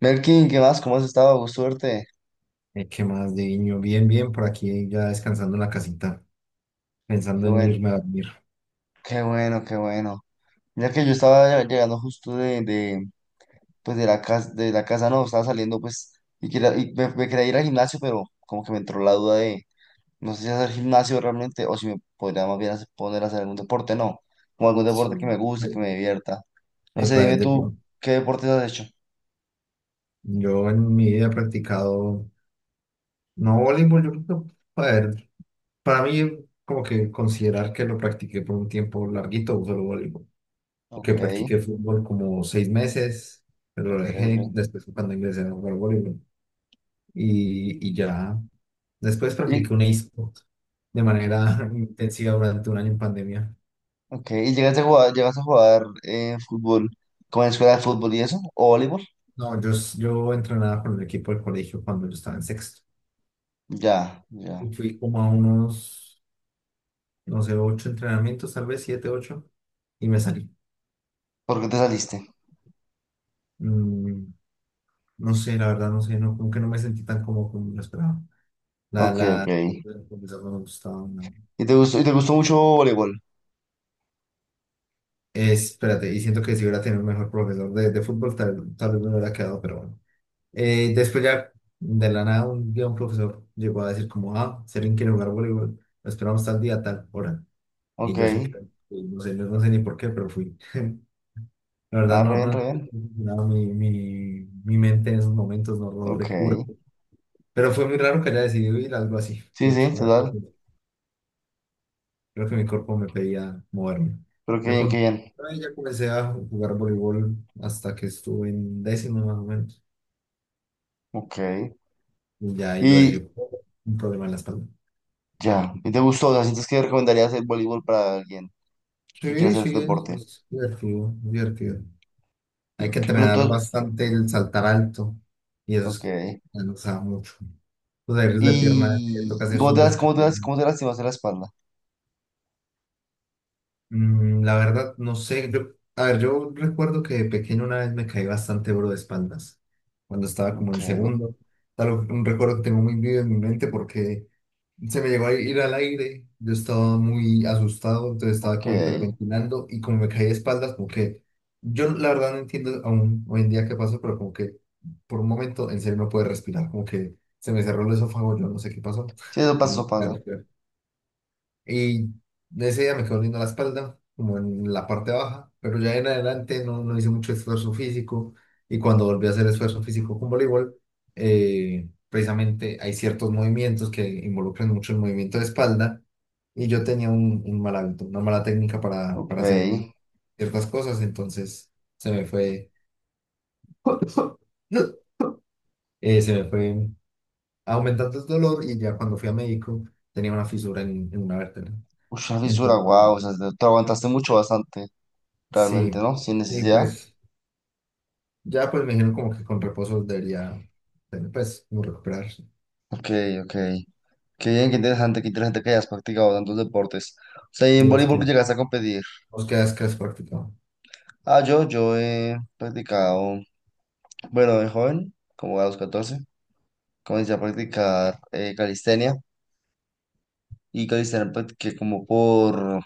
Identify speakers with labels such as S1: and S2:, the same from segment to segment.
S1: Melkin, ¿qué más? ¿Cómo has estado? Con suerte.
S2: ¿Qué más de niño? Bien, bien, por aquí ya descansando en la casita,
S1: Qué
S2: pensando en
S1: bueno,
S2: irme a dormir.
S1: qué bueno, qué bueno. Mira que yo estaba llegando justo de, pues de la casa no, estaba saliendo pues y, y me quería ir al gimnasio, pero como que me entró la duda de no sé si hacer gimnasio realmente o si me podría más bien poner a hacer algún deporte, no, o algún
S2: Sí.
S1: deporte que me guste,
S2: Eh,
S1: que me divierta. No sé,
S2: epa,
S1: dime tú, ¿qué deportes has hecho?
S2: yo en mi vida he practicado, no voleibol, yo creo que, a ver, para mí como que considerar que lo practiqué por un tiempo larguito, solo voleibol, que
S1: Ok,
S2: practiqué fútbol como 6 meses, pero lo
S1: ok,
S2: dejé
S1: ok.
S2: después fue cuando ingresé a jugar voleibol y ya, después
S1: Y,
S2: practiqué un e-sport de
S1: okay,
S2: manera intensiva durante un año en pandemia.
S1: okay. ¿Y llegaste a jugar fútbol con la escuela de fútbol y eso? ¿O voleibol?
S2: No, yo entrenaba con el equipo del colegio cuando yo estaba en sexto.
S1: Ya, ya.
S2: Fui como a unos, no sé, ocho entrenamientos, tal vez siete, ocho, y me salí.
S1: ¿Por qué te saliste?
S2: Mm, no sé, la verdad, no sé, no, como que no me sentí tan cómodo como lo esperaba. La,
S1: Ok, ok.
S2: la, el profesor no me gustaba. No.
S1: ¿Y te gustó mucho voleibol?
S2: Espérate, y siento que si hubiera tenido un mejor profesor de fútbol, tal vez me hubiera quedado, pero bueno. Después ya, de la nada, un día un profesor llegó a decir como, ah, Serín quiere jugar voleibol, lo esperamos tal día, tal hora. Y
S1: Ok.
S2: yo sí, fui, no sé, no, no sé ni por qué, pero fui. La verdad,
S1: Ah, re
S2: no,
S1: bien, re
S2: no,
S1: bien.
S2: no, mi mente en esos momentos no lo
S1: Ok.
S2: recuerdo. Pero fue muy raro que haya decidido ir a algo así.
S1: Sí,
S2: De
S1: sí, sí,
S2: hecho,
S1: total.
S2: creo que mi cuerpo me pedía moverme.
S1: Pero qué
S2: De
S1: bien, qué
S2: pronto,
S1: bien.
S2: ahí ya comencé a jugar voleibol hasta que estuve en décimo más o menos.
S1: Ok.
S2: Y ya ahí lo dejé
S1: Y
S2: por un problema en la espalda.
S1: ya. ¿Y te gustó? O sea, ¿sientes que recomendarías el voleibol para alguien que quiera
S2: Sí,
S1: hacer este
S2: sí,
S1: deporte?
S2: es divertido, es divertido. Hay
S1: Y,
S2: que
S1: pero
S2: entrenar bastante el saltar alto y eso
S1: ok.
S2: es, nos da mucho. Los ejercicios de pierna que
S1: ¿Y,
S2: toca
S1: y
S2: hacer son de esos que te-
S1: cómo te lastimas en la espalda?
S2: La verdad, no sé. Yo, a ver, yo recuerdo que de pequeño una vez me caí bastante bro de espaldas, cuando estaba como
S1: Ok,
S2: en segundo. Tal, un recuerdo que tengo muy vivo en mi mente porque se me llegó a ir al aire. Yo estaba muy asustado, entonces estaba
S1: ok.
S2: como hiperventilando y como me caí de espaldas, como que yo la verdad no entiendo aún hoy en día qué pasó, pero como que por un momento en serio no pude respirar, como que se me cerró el esófago, yo no sé qué pasó.
S1: Sí, eso pasa, eso pasa.
S2: Y ese día me quedó linda la espalda, como en la parte baja, pero ya en adelante no, no hice mucho esfuerzo físico. Y cuando volví a hacer esfuerzo físico con voleibol, precisamente hay ciertos movimientos que involucran mucho el movimiento de espalda. Y yo tenía un mal hábito, una mala técnica para,
S1: Ok.
S2: para hacer
S1: Uy,
S2: ciertas cosas, entonces se me fue se me fue aumentando el dolor y ya cuando fui a médico tenía una fisura en una vértebra.
S1: una fisura,
S2: Entonces,
S1: wow. O sea, te aguantaste mucho, bastante. Realmente,
S2: sí,
S1: ¿no? Sin
S2: y
S1: necesidad.
S2: pues ya pues me dijeron como que con reposo debería, tener, pues, como recuperarse.
S1: Ok, ok. Qué bien, qué interesante que hayas practicado tantos deportes. O sea, ¿y
S2: ¿Y
S1: en
S2: vos
S1: voleibol que
S2: qué?
S1: llegaste a competir?
S2: ¿Vos qué has practicado?
S1: Ah, yo he practicado, bueno, de joven, como a los 14, comencé a practicar calistenia y calistenia practiqué como por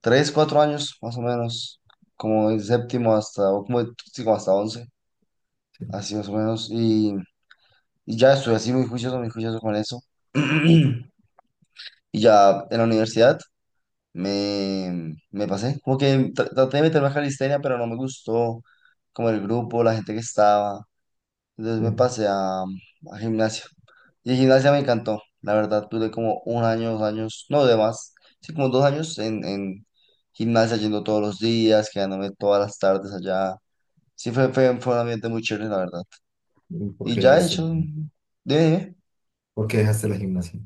S1: 3, 4 años, más o menos, como el séptimo hasta, o como, sí, hasta 11,
S2: Sí,
S1: así más o menos. Y ya estuve así muy juicioso con eso. Y ya en la universidad. Me pasé, como que traté de meterme a calistenia, pero no me gustó como el grupo, la gente que estaba. Entonces me
S2: sí.
S1: pasé a gimnasio. Y gimnasia me encantó, la verdad, tuve como un año, 2 años, no de más, sí, como 2 años en gimnasia yendo todos los días, quedándome todas las tardes allá. Sí, fue un ambiente muy chévere, la verdad.
S2: ¿Y por
S1: Y
S2: qué
S1: ya he
S2: dejaste,
S1: hecho, dime, dime.
S2: por qué dejaste la gimnasia?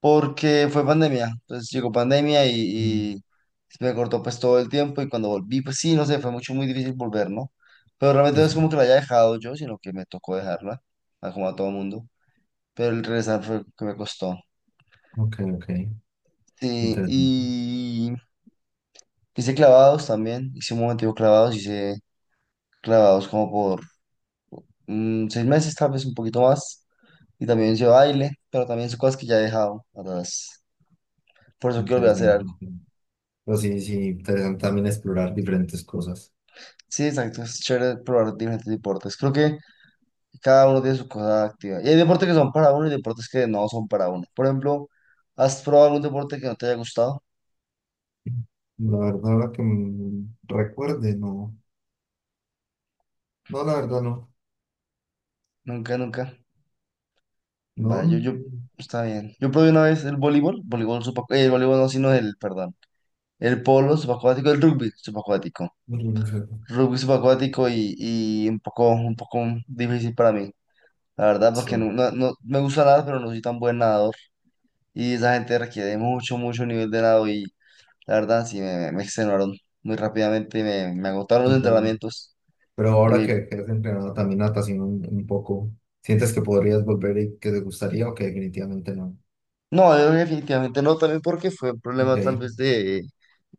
S1: Porque fue pandemia. Entonces llegó pandemia y,
S2: Mm,
S1: y se me cortó pues todo el tiempo y cuando volví, pues sí, no sé, fue mucho, muy difícil volver, ¿no? Pero realmente
S2: sí,
S1: no es como
S2: sí.
S1: que la haya dejado yo, sino que me tocó dejarla, como a todo mundo. Pero el regresar fue que me costó.
S2: Ok, ok.
S1: Sí,
S2: Interesante,
S1: y hice clavados también, hice un momentico clavados, hice clavados como por 6 meses, tal vez un poquito más. Y también hice baile, pero también son cosas que ya he dejado atrás. Por eso quiero volver a hacer algo.
S2: interesante. Pero sí, sí, interesante también explorar diferentes cosas.
S1: Sí, exacto, es chévere probar diferentes deportes. Creo que y cada uno tiene su cosa activa. Y hay deportes que son para uno y deportes que no son para uno. Por ejemplo, ¿has probado algún deporte que no te haya gustado?
S2: La verdad, ahora que me recuerde, no. No, la verdad, no.
S1: Nunca, nunca.
S2: No,
S1: Vale, yo,
S2: no,
S1: yo, está bien. Yo probé una vez el voleibol, el voleibol no, sino el, perdón, el polo subacuático, el rugby subacuático.
S2: no, no, no, no.
S1: Rugby subacuático y un poco difícil para mí, la verdad, porque
S2: Sí,
S1: me gusta nada, pero no soy tan buen nadador. Y esa gente requiere mucho, mucho nivel de nado. La verdad, sí, me extenuaron muy rápidamente y me agotaron los
S2: sí, tal.
S1: entrenamientos.
S2: Pero
S1: Y
S2: ahora que has entrenado también natación un poco, ¿sientes que podrías volver y que te gustaría o que definitivamente no?
S1: no, yo definitivamente no, también porque fue un
S2: Ok,
S1: problema tal vez de,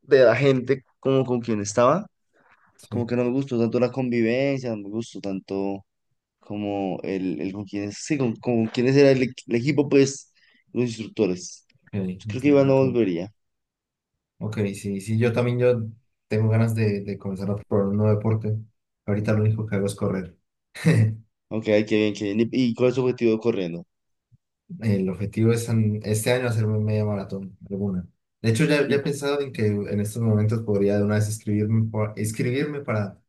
S1: de la gente como con quien estaba. Como
S2: sí,
S1: que no me gustó tanto la convivencia, no me gustó tanto como el con quienes, sí, con quienes era el, el equipo, pues, los instructores.
S2: ok,
S1: Yo creo que Iván
S2: entiendo,
S1: no
S2: ok,
S1: volvería.
S2: ok, sí, sí, yo también yo tengo ganas de comenzar a probar un nuevo deporte. Ahorita lo único que hago es correr.
S1: Ok, ay, qué bien, qué bien. ¿Y cuál es su objetivo corriendo?
S2: El objetivo es este año hacerme media maratón, alguna. De hecho, ya
S1: Y-
S2: he pensado en que en estos momentos podría de una vez inscribirme, inscribirme para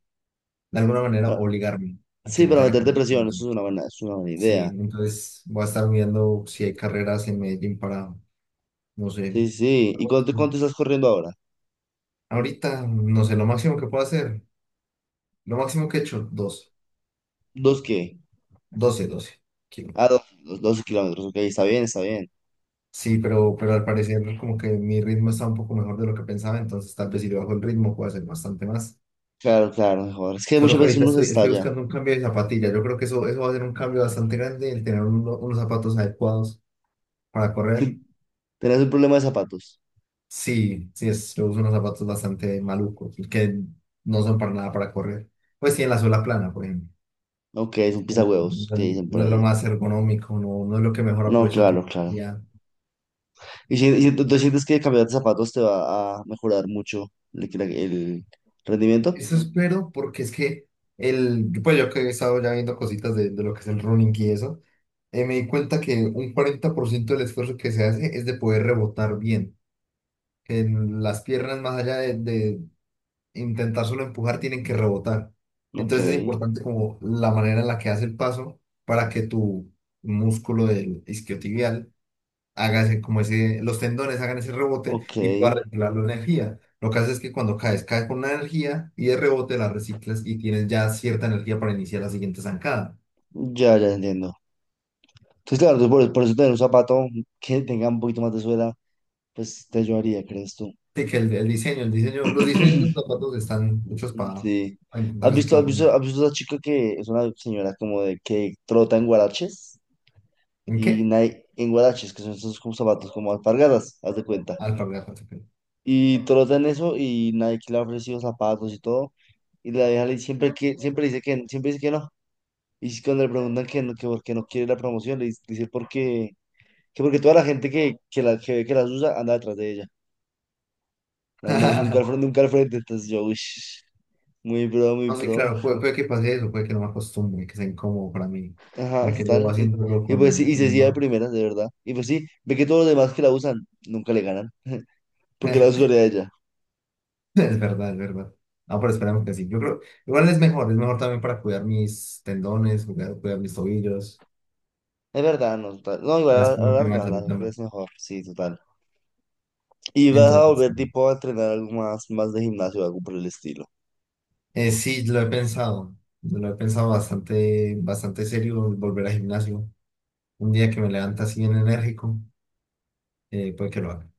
S2: de alguna manera
S1: ah,
S2: obligarme a que
S1: sí,
S2: lo
S1: para
S2: tenga que
S1: meter
S2: hacer.
S1: depresión, eso es una buena
S2: Sí,
S1: idea.
S2: entonces voy a estar viendo si hay carreras en Medellín para, no sé,
S1: Sí, sí, sí, ¿Y cuánto estás corriendo ahora?
S2: ahorita, no sé, lo máximo que puedo hacer, lo máximo que he hecho,
S1: ¿Dos qué?
S2: 12
S1: Ah,
S2: kilómetros.
S1: 12 kilómetros, ok, está bien, está bien.
S2: Sí, pero al parecer como que mi ritmo está un poco mejor de lo que pensaba, entonces tal vez si le bajo el ritmo puedo hacer bastante más.
S1: Claro, claro, mejor. Es que
S2: Solo
S1: muchas
S2: que
S1: veces
S2: ahorita
S1: uno se
S2: estoy
S1: estalla.
S2: buscando un cambio de zapatilla, yo creo que eso va a ser un cambio bastante grande, el tener unos zapatos adecuados para
S1: Si
S2: correr.
S1: tenés un problema de zapatos,
S2: Sí, sí, yo uso unos zapatos bastante malucos, que no son para nada para correr. Pues sí, en la suela plana, por ejemplo.
S1: ok, es un
S2: No
S1: pisahuevos, que dicen por
S2: no, es lo
S1: ahí.
S2: más ergonómico, no, no es lo que mejor
S1: No,
S2: aprovecha tu
S1: claro, claro.
S2: energía.
S1: Y si tú sientes que cambiar de zapatos te va a mejorar mucho el rendimiento,
S2: Eso espero, porque es que pues yo que he estado ya viendo cositas de lo que es el running y eso, me di cuenta que un 40% del esfuerzo que se hace es de poder rebotar bien. Que en las piernas, más allá de intentar solo empujar, tienen que rebotar.
S1: ok,
S2: Entonces es importante como la manera en la que hace el paso para que tu músculo del isquiotibial haga ese, como ese, los tendones hagan ese rebote
S1: ok,
S2: y pueda reciclar la energía. Lo que hace es que cuando caes, caes con una energía y de rebote la reciclas y tienes ya cierta energía para iniciar la siguiente zancada.
S1: ya, ya entiendo. Entonces, claro, tú por eso tener un zapato que tenga un poquito más de suela, pues te ayudaría, ¿crees tú?
S2: Así que los diseños de los zapatos están hechos para,
S1: Sí.
S2: para intentar
S1: ¿Has visto, has visto,
S2: reciclarlo.
S1: has visto a esa chica que es una señora como de que trota en guaraches?
S2: ¿En
S1: Y
S2: qué?
S1: nadie, en guaraches, que son esos como zapatos como alpargatas, haz de cuenta.
S2: Alpargatas. Ok.
S1: Y trota en eso y Nike le ha ofrecido zapatos y todo. Y la deja siempre que, siempre dice que, siempre dice que no. Y si cuando le preguntan que no, que porque no quiere la promoción, le dice, porque, que porque toda la gente que, la, que ve que las usa anda detrás de ella. No, no, nunca al frente, nunca al frente. Entonces yo, uish, muy pro, muy
S2: No, sí,
S1: pro.
S2: claro, puede que pase eso, puede que no me acostumbre, que sea incómodo para mí,
S1: Ajá,
S2: ya que yo
S1: total.
S2: haciéndolo
S1: Y pues
S2: con,
S1: sí, y se
S2: con
S1: hacía de
S2: no.
S1: primeras, de verdad. Y pues sí, ve que todos los demás que la usan nunca le ganan, porque la usuaria de ella.
S2: Es verdad, es verdad. No, pero esperemos que sí. Yo creo, igual es mejor también para cuidar mis tendones, cuidar mis tobillos,
S1: Es verdad, no, total. No, igual
S2: ya como un tema de
S1: a la
S2: salud
S1: larga
S2: también.
S1: es mejor, sí, total. Y vas a
S2: Entonces,
S1: volver tipo a entrenar algo más, más de gimnasio o algo por el estilo.
S2: sí, lo he pensado bastante, bastante serio, volver al gimnasio. Un día que me levanta así bien enérgico, puede que lo haga.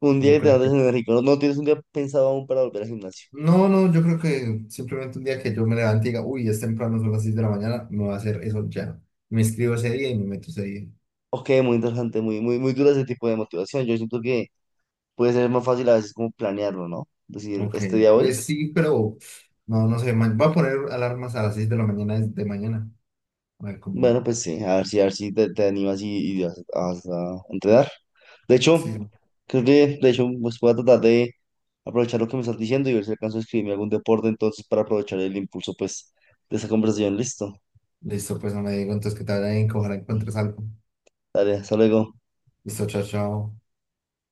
S1: Un día
S2: Yo
S1: que te
S2: creo
S1: andes enérgico, no, no tienes un día pensado aún para volver al gimnasio.
S2: No, no, yo creo que simplemente un día que yo me levante y diga, uy, es temprano, son las 6 de la mañana, me voy a hacer eso ya. Me escribo ese día y me meto ese día.
S1: Ok, muy interesante, muy, muy, muy dura ese tipo de motivación. Yo siento que puede ser más fácil a veces como planearlo, ¿no? Decir,
S2: Ok,
S1: este día voy.
S2: pues sí, pero no, no sé, voy a poner alarmas a las 6 de la mañana de mañana. A ver cómo.
S1: Bueno, pues sí, a ver si te animas y vas a entrenar. De
S2: Sí,
S1: hecho, creo que, de hecho, pues voy a tratar de aprovechar lo que me estás diciendo y ver si alcanzo a escribirme algún deporte entonces para aprovechar el impulso, pues, de esa conversación. Listo.
S2: listo, pues no me digo entonces que te vaya bien, que ojalá encuentres algo.
S1: Dale, hasta luego.
S2: Listo, chao, chao.